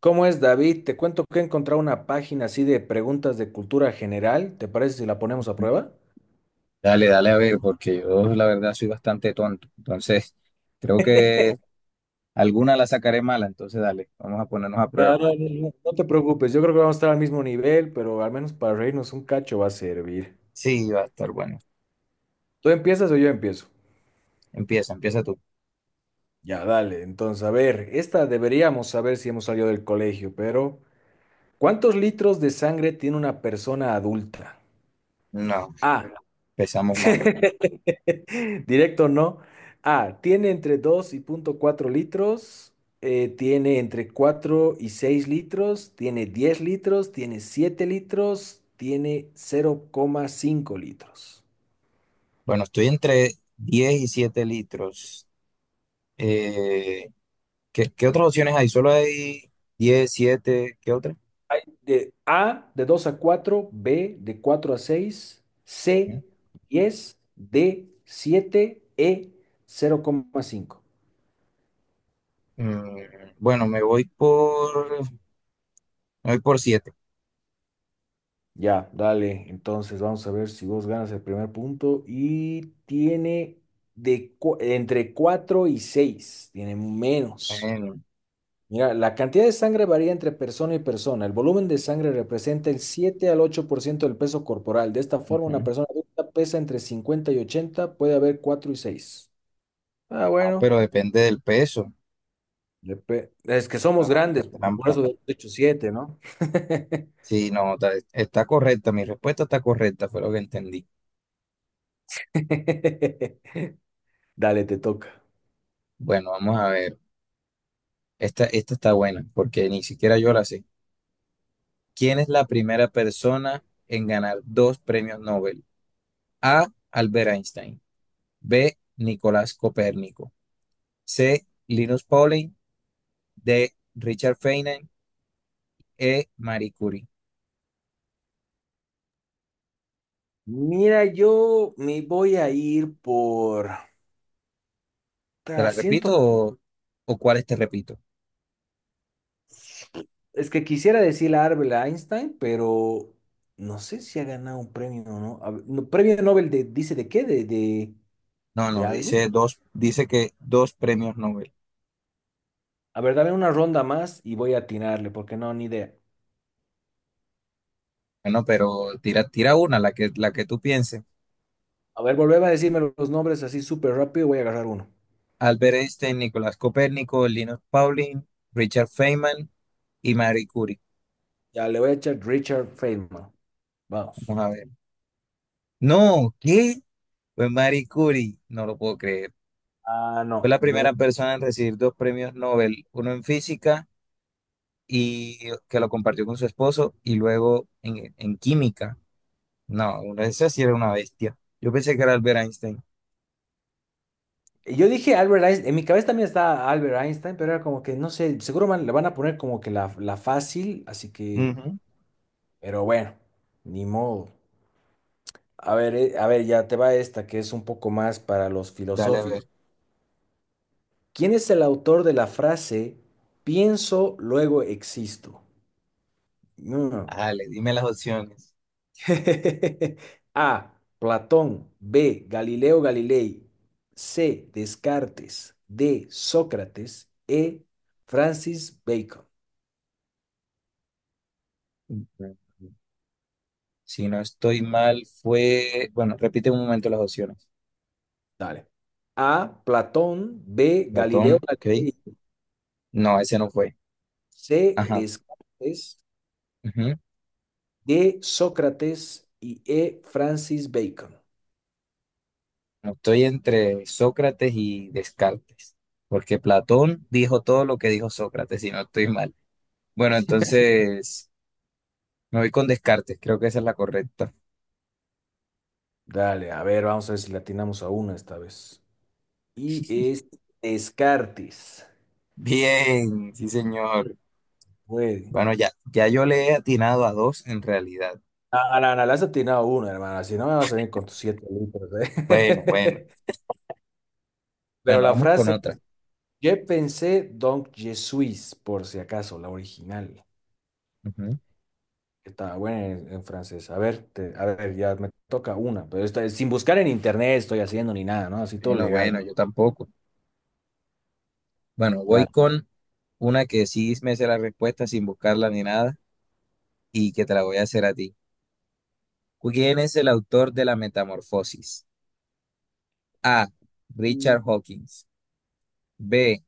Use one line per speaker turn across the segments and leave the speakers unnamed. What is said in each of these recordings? ¿Cómo es, David? Te cuento que he encontrado una página así de preguntas de cultura general. ¿Te parece si la ponemos a prueba?
Dale, dale a ver, porque yo la verdad soy bastante tonto. Entonces, creo que alguna la sacaré mala. Entonces, dale, vamos a ponernos a
No,
prueba.
no, no, no te preocupes, yo creo que vamos a estar al mismo nivel, pero al menos para reírnos un cacho va a servir.
Sí, va a estar bueno.
¿Tú empiezas o yo empiezo?
Empieza, empieza tú.
Ya, dale. Entonces, a ver, esta deberíamos saber si hemos salido del colegio, pero ¿cuántos litros de sangre tiene una persona adulta?
No,
A.
empezamos mal.
Directo no. A, tiene entre 2 y punto 4 litros, tiene entre 4 y 6 litros, tiene 10 litros, tiene 7 litros, tiene 0,5 litros.
Bueno, estoy entre 10 y 7 litros. Eh, ¿qué otras opciones hay? Solo hay 10 7 ¿qué otra?
Hay de A, de 2 a 4, B, de 4 a 6,
¿Eh?
C, 10, D, 7, E, cero coma cinco.
Bueno, me voy por siete.
Ya, dale. Entonces vamos a ver si vos ganas el primer punto. Y tiene entre 4 y 6. Tiene menos.
Bueno,
Mira, la cantidad de sangre varía entre persona y persona. El volumen de sangre representa el 7 al 8% del peso corporal. De esta forma, una
ujú.
persona adulta pesa entre 50 y 80, puede haber 4 y 6. Ah,
Ah,
bueno.
pero depende del peso.
Es que somos
No, qué
grandes, por
trampa.
eso de hecho siete, ¿no?
Sí, no, está correcta, mi respuesta está correcta, fue lo que entendí.
Dale, te toca.
Bueno, vamos a ver. Esta está buena, porque ni siquiera yo la sé. ¿Quién es la primera persona en ganar dos premios Nobel? A. Albert Einstein. B. Nicolás Copérnico. C. Linus Pauling. D. Richard Feynman. E. Marie Curie.
Mira, yo me voy a ir por...
¿Te la repito
Siento,
o cuáles te repito?
es que quisiera decir a Albert Einstein, pero no sé si ha ganado un premio o no. A ver, no, ¿Premio Nobel de, dice de qué? ¿De, de,
No,
de
no,
algo?
dice dos, dice que dos premios Nobel.
A ver, dame una ronda más y voy a atinarle, porque no, ni idea.
Bueno, pero tira una, la que tú pienses.
A ver, volveme a decirme los nombres así súper rápido, voy a agarrar uno.
Albert Einstein, Nicolás Copérnico, Linus Pauling, Richard Feynman y Marie Curie.
Ya, le voy a echar Richard Feynman. Vamos.
Vamos a ver. No, ¿qué? Fue Marie Curie, no lo puedo creer.
Ah,
Fue
no,
la
yo
primera persona en recibir dos premios Nobel, uno en física y que lo compartió con su esposo y luego en química. No, esa sí era una bestia. Yo pensé que era Albert Einstein.
Yo dije Albert Einstein, en mi cabeza también está Albert Einstein, pero era como que, no sé, seguro le van a poner como que la fácil, así que,
Ujú.
pero bueno, ni modo. A ver, ya te va esta que es un poco más para los
Dale, a
filosóficos.
ver.
¿Quién es el autor de la frase pienso, luego existo? No.
Dale, dime las opciones.
A. Platón. B. Galileo Galilei. C. Descartes. D. Sócrates. E. Francis Bacon.
Ujú. Si no estoy mal, fue. Bueno, repite un momento las opciones.
Dale. A, Platón, B, Galileo
Platón, ok.
Galilei,
No, ese no fue.
C,
Ajá.
Descartes,
Ujú.
D, Sócrates y E, Francis Bacon.
No, estoy entre Sócrates y Descartes, porque Platón dijo todo lo que dijo Sócrates, si no estoy mal. Bueno, entonces me voy con Descartes, creo que esa es la correcta.
Dale, a ver, vamos a ver si le atinamos a una esta vez. Y es Descartes.
Bien, sí, señor.
Güey.
Bueno, ya, ya yo le he atinado a dos en realidad.
A la Ana, le has atinado una, hermana. Si no, me vas a venir con tus 7 litros,
Bueno, bueno,
¿eh? Pero
bueno,
la
vamos con
frase,
otra.
je pensé donc je suis, por si acaso, la original.
Ujú.
Está buena en francés. A ver, a ver, ya me toca una, pero esta es sin buscar en internet estoy haciendo ni nada, ¿no? Así todo
Bueno,
legal.
bueno, yo tampoco. Bueno, voy
Dale.
con una que sí me sé la respuesta sin buscarla ni nada y que te la voy a hacer a ti. ¿Quién es el autor de La Metamorfosis? A. Richard Hawkins. B.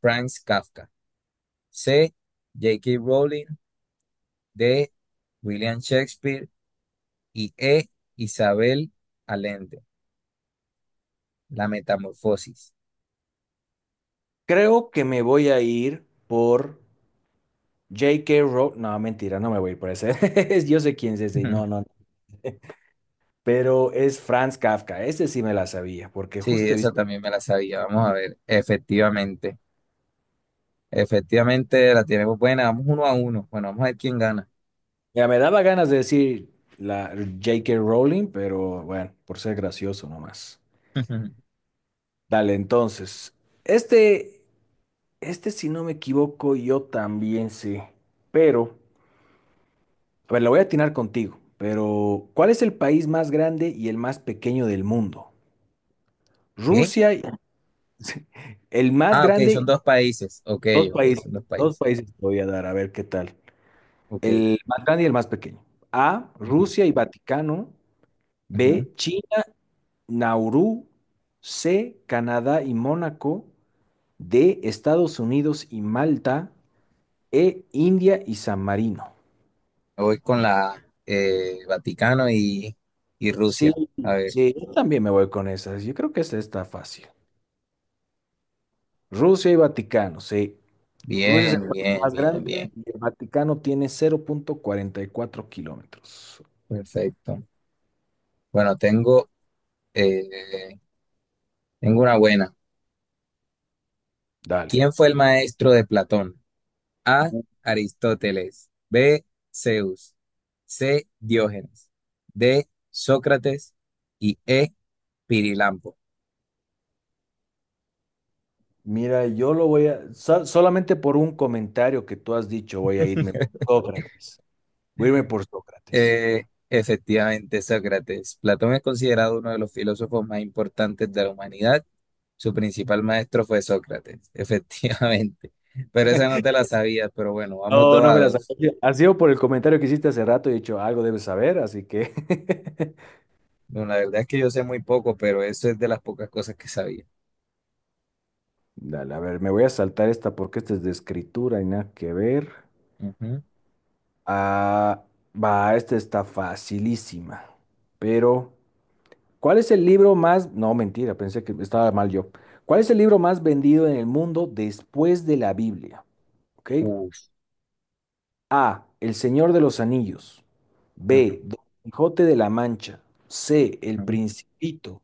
Franz Kafka. C. J.K. Rowling. D. William Shakespeare. Y E. Isabel Allende. La Metamorfosis.
Creo que me voy a ir por J.K. Rowling. No, mentira, no me voy a ir por ese. Yo sé quién es ese, y no, no. Pero es Franz Kafka. Este sí me la sabía, porque
Sí,
justo he
esa
visto.
también me la sabía. Vamos a ver. Efectivamente. Efectivamente la tenemos buena. Vamos 1-1. Bueno, vamos a ver quién gana.
Ya me daba ganas de decir la J.K. Rowling, pero bueno, por ser gracioso nomás. Dale, entonces. Este. Este, si no me equivoco, yo también sé. Pero, a ver, la voy a atinar contigo. Pero, ¿cuál es el país más grande y el más pequeño del mundo?
¿Qué?
Rusia, y- el más
Ah, ok,
grande,
son
y-
dos países. Ok,
dos
ok,
países,
son dos
dos
países.
países te voy a dar, a ver qué tal.
Ok.
El más grande y el más pequeño. A,
Ujú,
Rusia y Vaticano.
ujú.
B, China, Nauru. C, Canadá y Mónaco. D, Estados Unidos y Malta. E, India y San Marino.
Me voy con la Vaticano y
Sí,
Rusia. A ver,
sí, yo también me voy con esas. Yo creo que esta está fácil. Rusia y Vaticano, sí. Rusia es el
bien,
país
bien,
más
bien,
grande
bien.
y el Vaticano tiene 0,44 kilómetros.
Perfecto. Bueno, eh, tengo una buena.
Dale.
¿Quién fue el maestro de Platón? A. Aristóteles. B. Zeus. C. Diógenes. D. Sócrates. Y E. Pirilampo.
Mira, yo lo voy a... solamente por un comentario que tú has dicho voy a irme por Sócrates. Voy a irme por Sócrates.
Efectivamente, Sócrates. Platón es considerado uno de los filósofos más importantes de la humanidad. Su principal maestro fue Sócrates, efectivamente. Pero esa no te la sabías, pero bueno, vamos
No,
dos
no
a
me las...
dos.
Ha sido por el comentario que hiciste hace rato y he dicho, algo debes saber, así que...
Bueno, la verdad es que yo sé muy poco, pero eso es de las pocas cosas que sabía.
Dale, a ver, me voy a saltar esta porque esta es de escritura y nada que ver.
Ujú.
Ah, va, esta está facilísima. Pero, ¿cuál es el libro más... No, mentira, pensé que estaba mal yo. ¿Cuál es el libro más vendido en el mundo después de la Biblia? ¿Ok?
Uf.
A, El Señor de los Anillos. B,
Ujú,
Don Quijote de la Mancha. C, El
ujú.
Principito.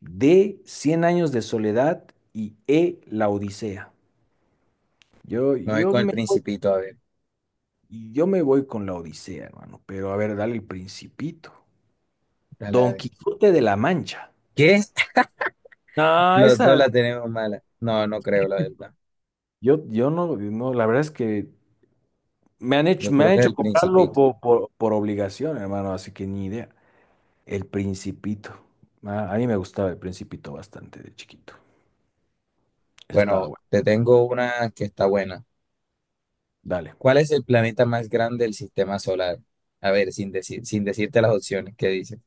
D, Cien años de soledad. Y E, La Odisea. Yo,
Me voy
yo
con el
me,
principito, a ver.
yo me voy con La Odisea, hermano. Pero a ver, dale El Principito.
Dale, a
Don
ver.
Quijote de la Mancha.
¿Qué?
No,
Los dos
esa.
la tenemos mala. No, no creo, la verdad.
Yo no, no, la verdad es que
Yo
me
creo
han
que es
hecho
el
comprarlo
principito.
por obligación, hermano, así que ni idea. El Principito. Ah, a mí me gustaba el Principito bastante de chiquito. Eso estaba
Bueno,
bueno.
te tengo una que está buena.
Dale.
¿Cuál es el planeta más grande del sistema solar? A ver, sin decirte las opciones que dice.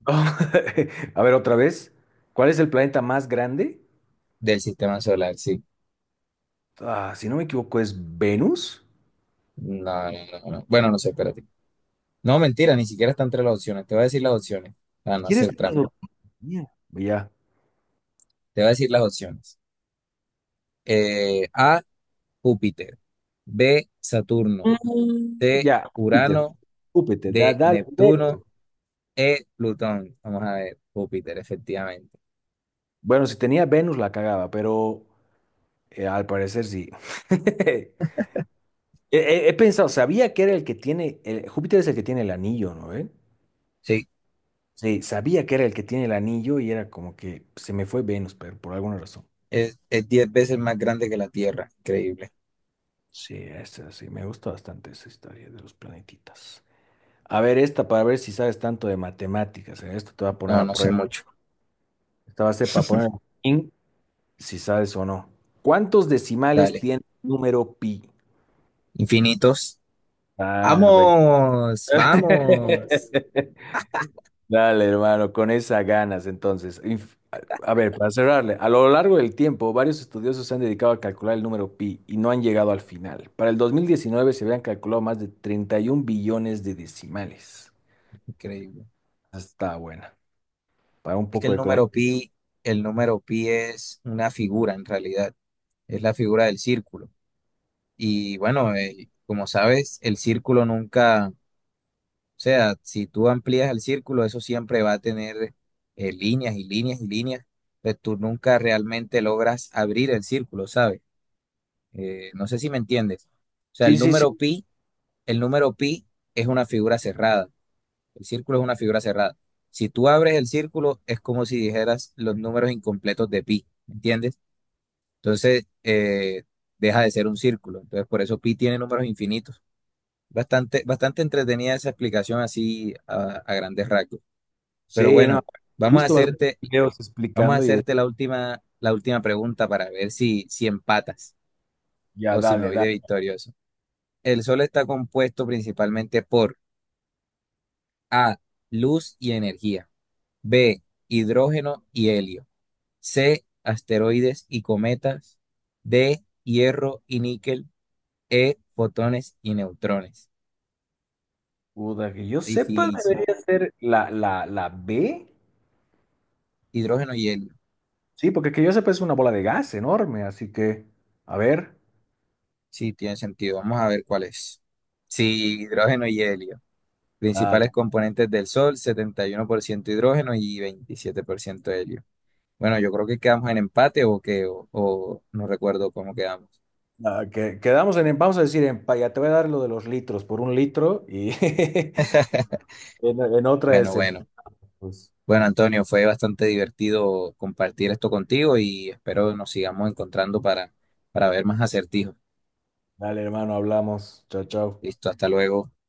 A ver, otra vez. ¿Cuál es el planeta más grande?
Del sistema solar, sí.
Ah, si no me equivoco, es Venus.
No, no, no, no. Bueno, no sé, espérate. No, mentira, ni siquiera está entre las opciones. Te voy a decir las opciones para
Si
no
quieres,
hacer trampa.
Ya.
Te voy a decir las opciones. A, Júpiter. B, Saturno.
Mm.
C,
Ya, Júpiter.
Urano.
Júpiter, da,
D,
dale. Dale.
Neptuno. E, Plutón. Vamos a ver, Júpiter, efectivamente.
Bueno, si tenía Venus la cagaba, pero al parecer sí. He pensado, sabía que era el que tiene, Júpiter es el que tiene el anillo, ¿no? ¿Ve?
Sí,
Sí, sabía que era el que tiene el anillo y era como que se me fue Venus, pero por alguna razón.
es 10 veces más grande que la Tierra. Increíble.
Sí, esa sí, me gusta bastante esa historia de los planetitas. A ver, esta para ver si sabes tanto de matemáticas. Esto te va a poner
No,
a
no sé
prueba.
mucho.
Esta va a ser para poner en si sabes o no. ¿Cuántos decimales
Dale.
tiene el número pi?
Infinitos.
Ah, ve.
Vamos, vamos.
Dale, hermano, con esas ganas, entonces. A ver, para cerrarle, a lo largo del tiempo, varios estudiosos se han dedicado a calcular el número pi y no han llegado al final. Para el 2019 se habían calculado más de 31 billones de decimales.
Increíble.
Está buena, para un
Es que
poco
el
de economía.
número pi, el número pi es una figura en realidad, es la figura del círculo. Y bueno, como sabes, el círculo nunca, o sea, si tú amplías el círculo, eso siempre va a tener líneas y líneas y líneas, pues tú nunca realmente logras abrir el círculo, ¿sabes? No sé si me entiendes. O sea,
Sí, sí, sí,
el número pi es una figura cerrada. El círculo es una figura cerrada. Si tú abres el círculo, es como si dijeras los números incompletos de pi, ¿entiendes? Entonces, deja de ser un círculo. Entonces, por eso pi tiene números infinitos. Bastante, bastante entretenida esa explicación así a grandes rasgos. Pero
sí, no.
bueno,
He
vamos a
visto bastantes
hacerte,
videos
vamos a
explicando
hacerte la última pregunta para ver si, empatas
ya,
o si me
dale,
voy de
dale.
victorioso. El Sol está compuesto principalmente por A, luz y energía, B, hidrógeno y helio. C, asteroides y cometas. D, hierro y níquel. E, fotones y neutrones.
Puta, que yo sepa,
Difícil.
debería ser la B.
Hidrógeno y helio.
Sí, porque que yo sepa es una bola de gas enorme, así que, a ver.
Sí, tiene sentido. Vamos a ver cuál es. Sí, hidrógeno y helio.
Ah,
Principales componentes del Sol, 71% hidrógeno y 27% helio. Bueno, yo creo que quedamos en empate o que, o no recuerdo cómo quedamos.
Que, quedamos en, vamos a decir, en, ya te voy a dar lo de los litros por un litro y en otra
Bueno,
es
bueno.
pues,
Bueno, Antonio, fue bastante divertido compartir esto contigo y espero nos sigamos encontrando para ver más acertijos.
dale, hermano, hablamos. Chao, chao.
Listo, hasta luego.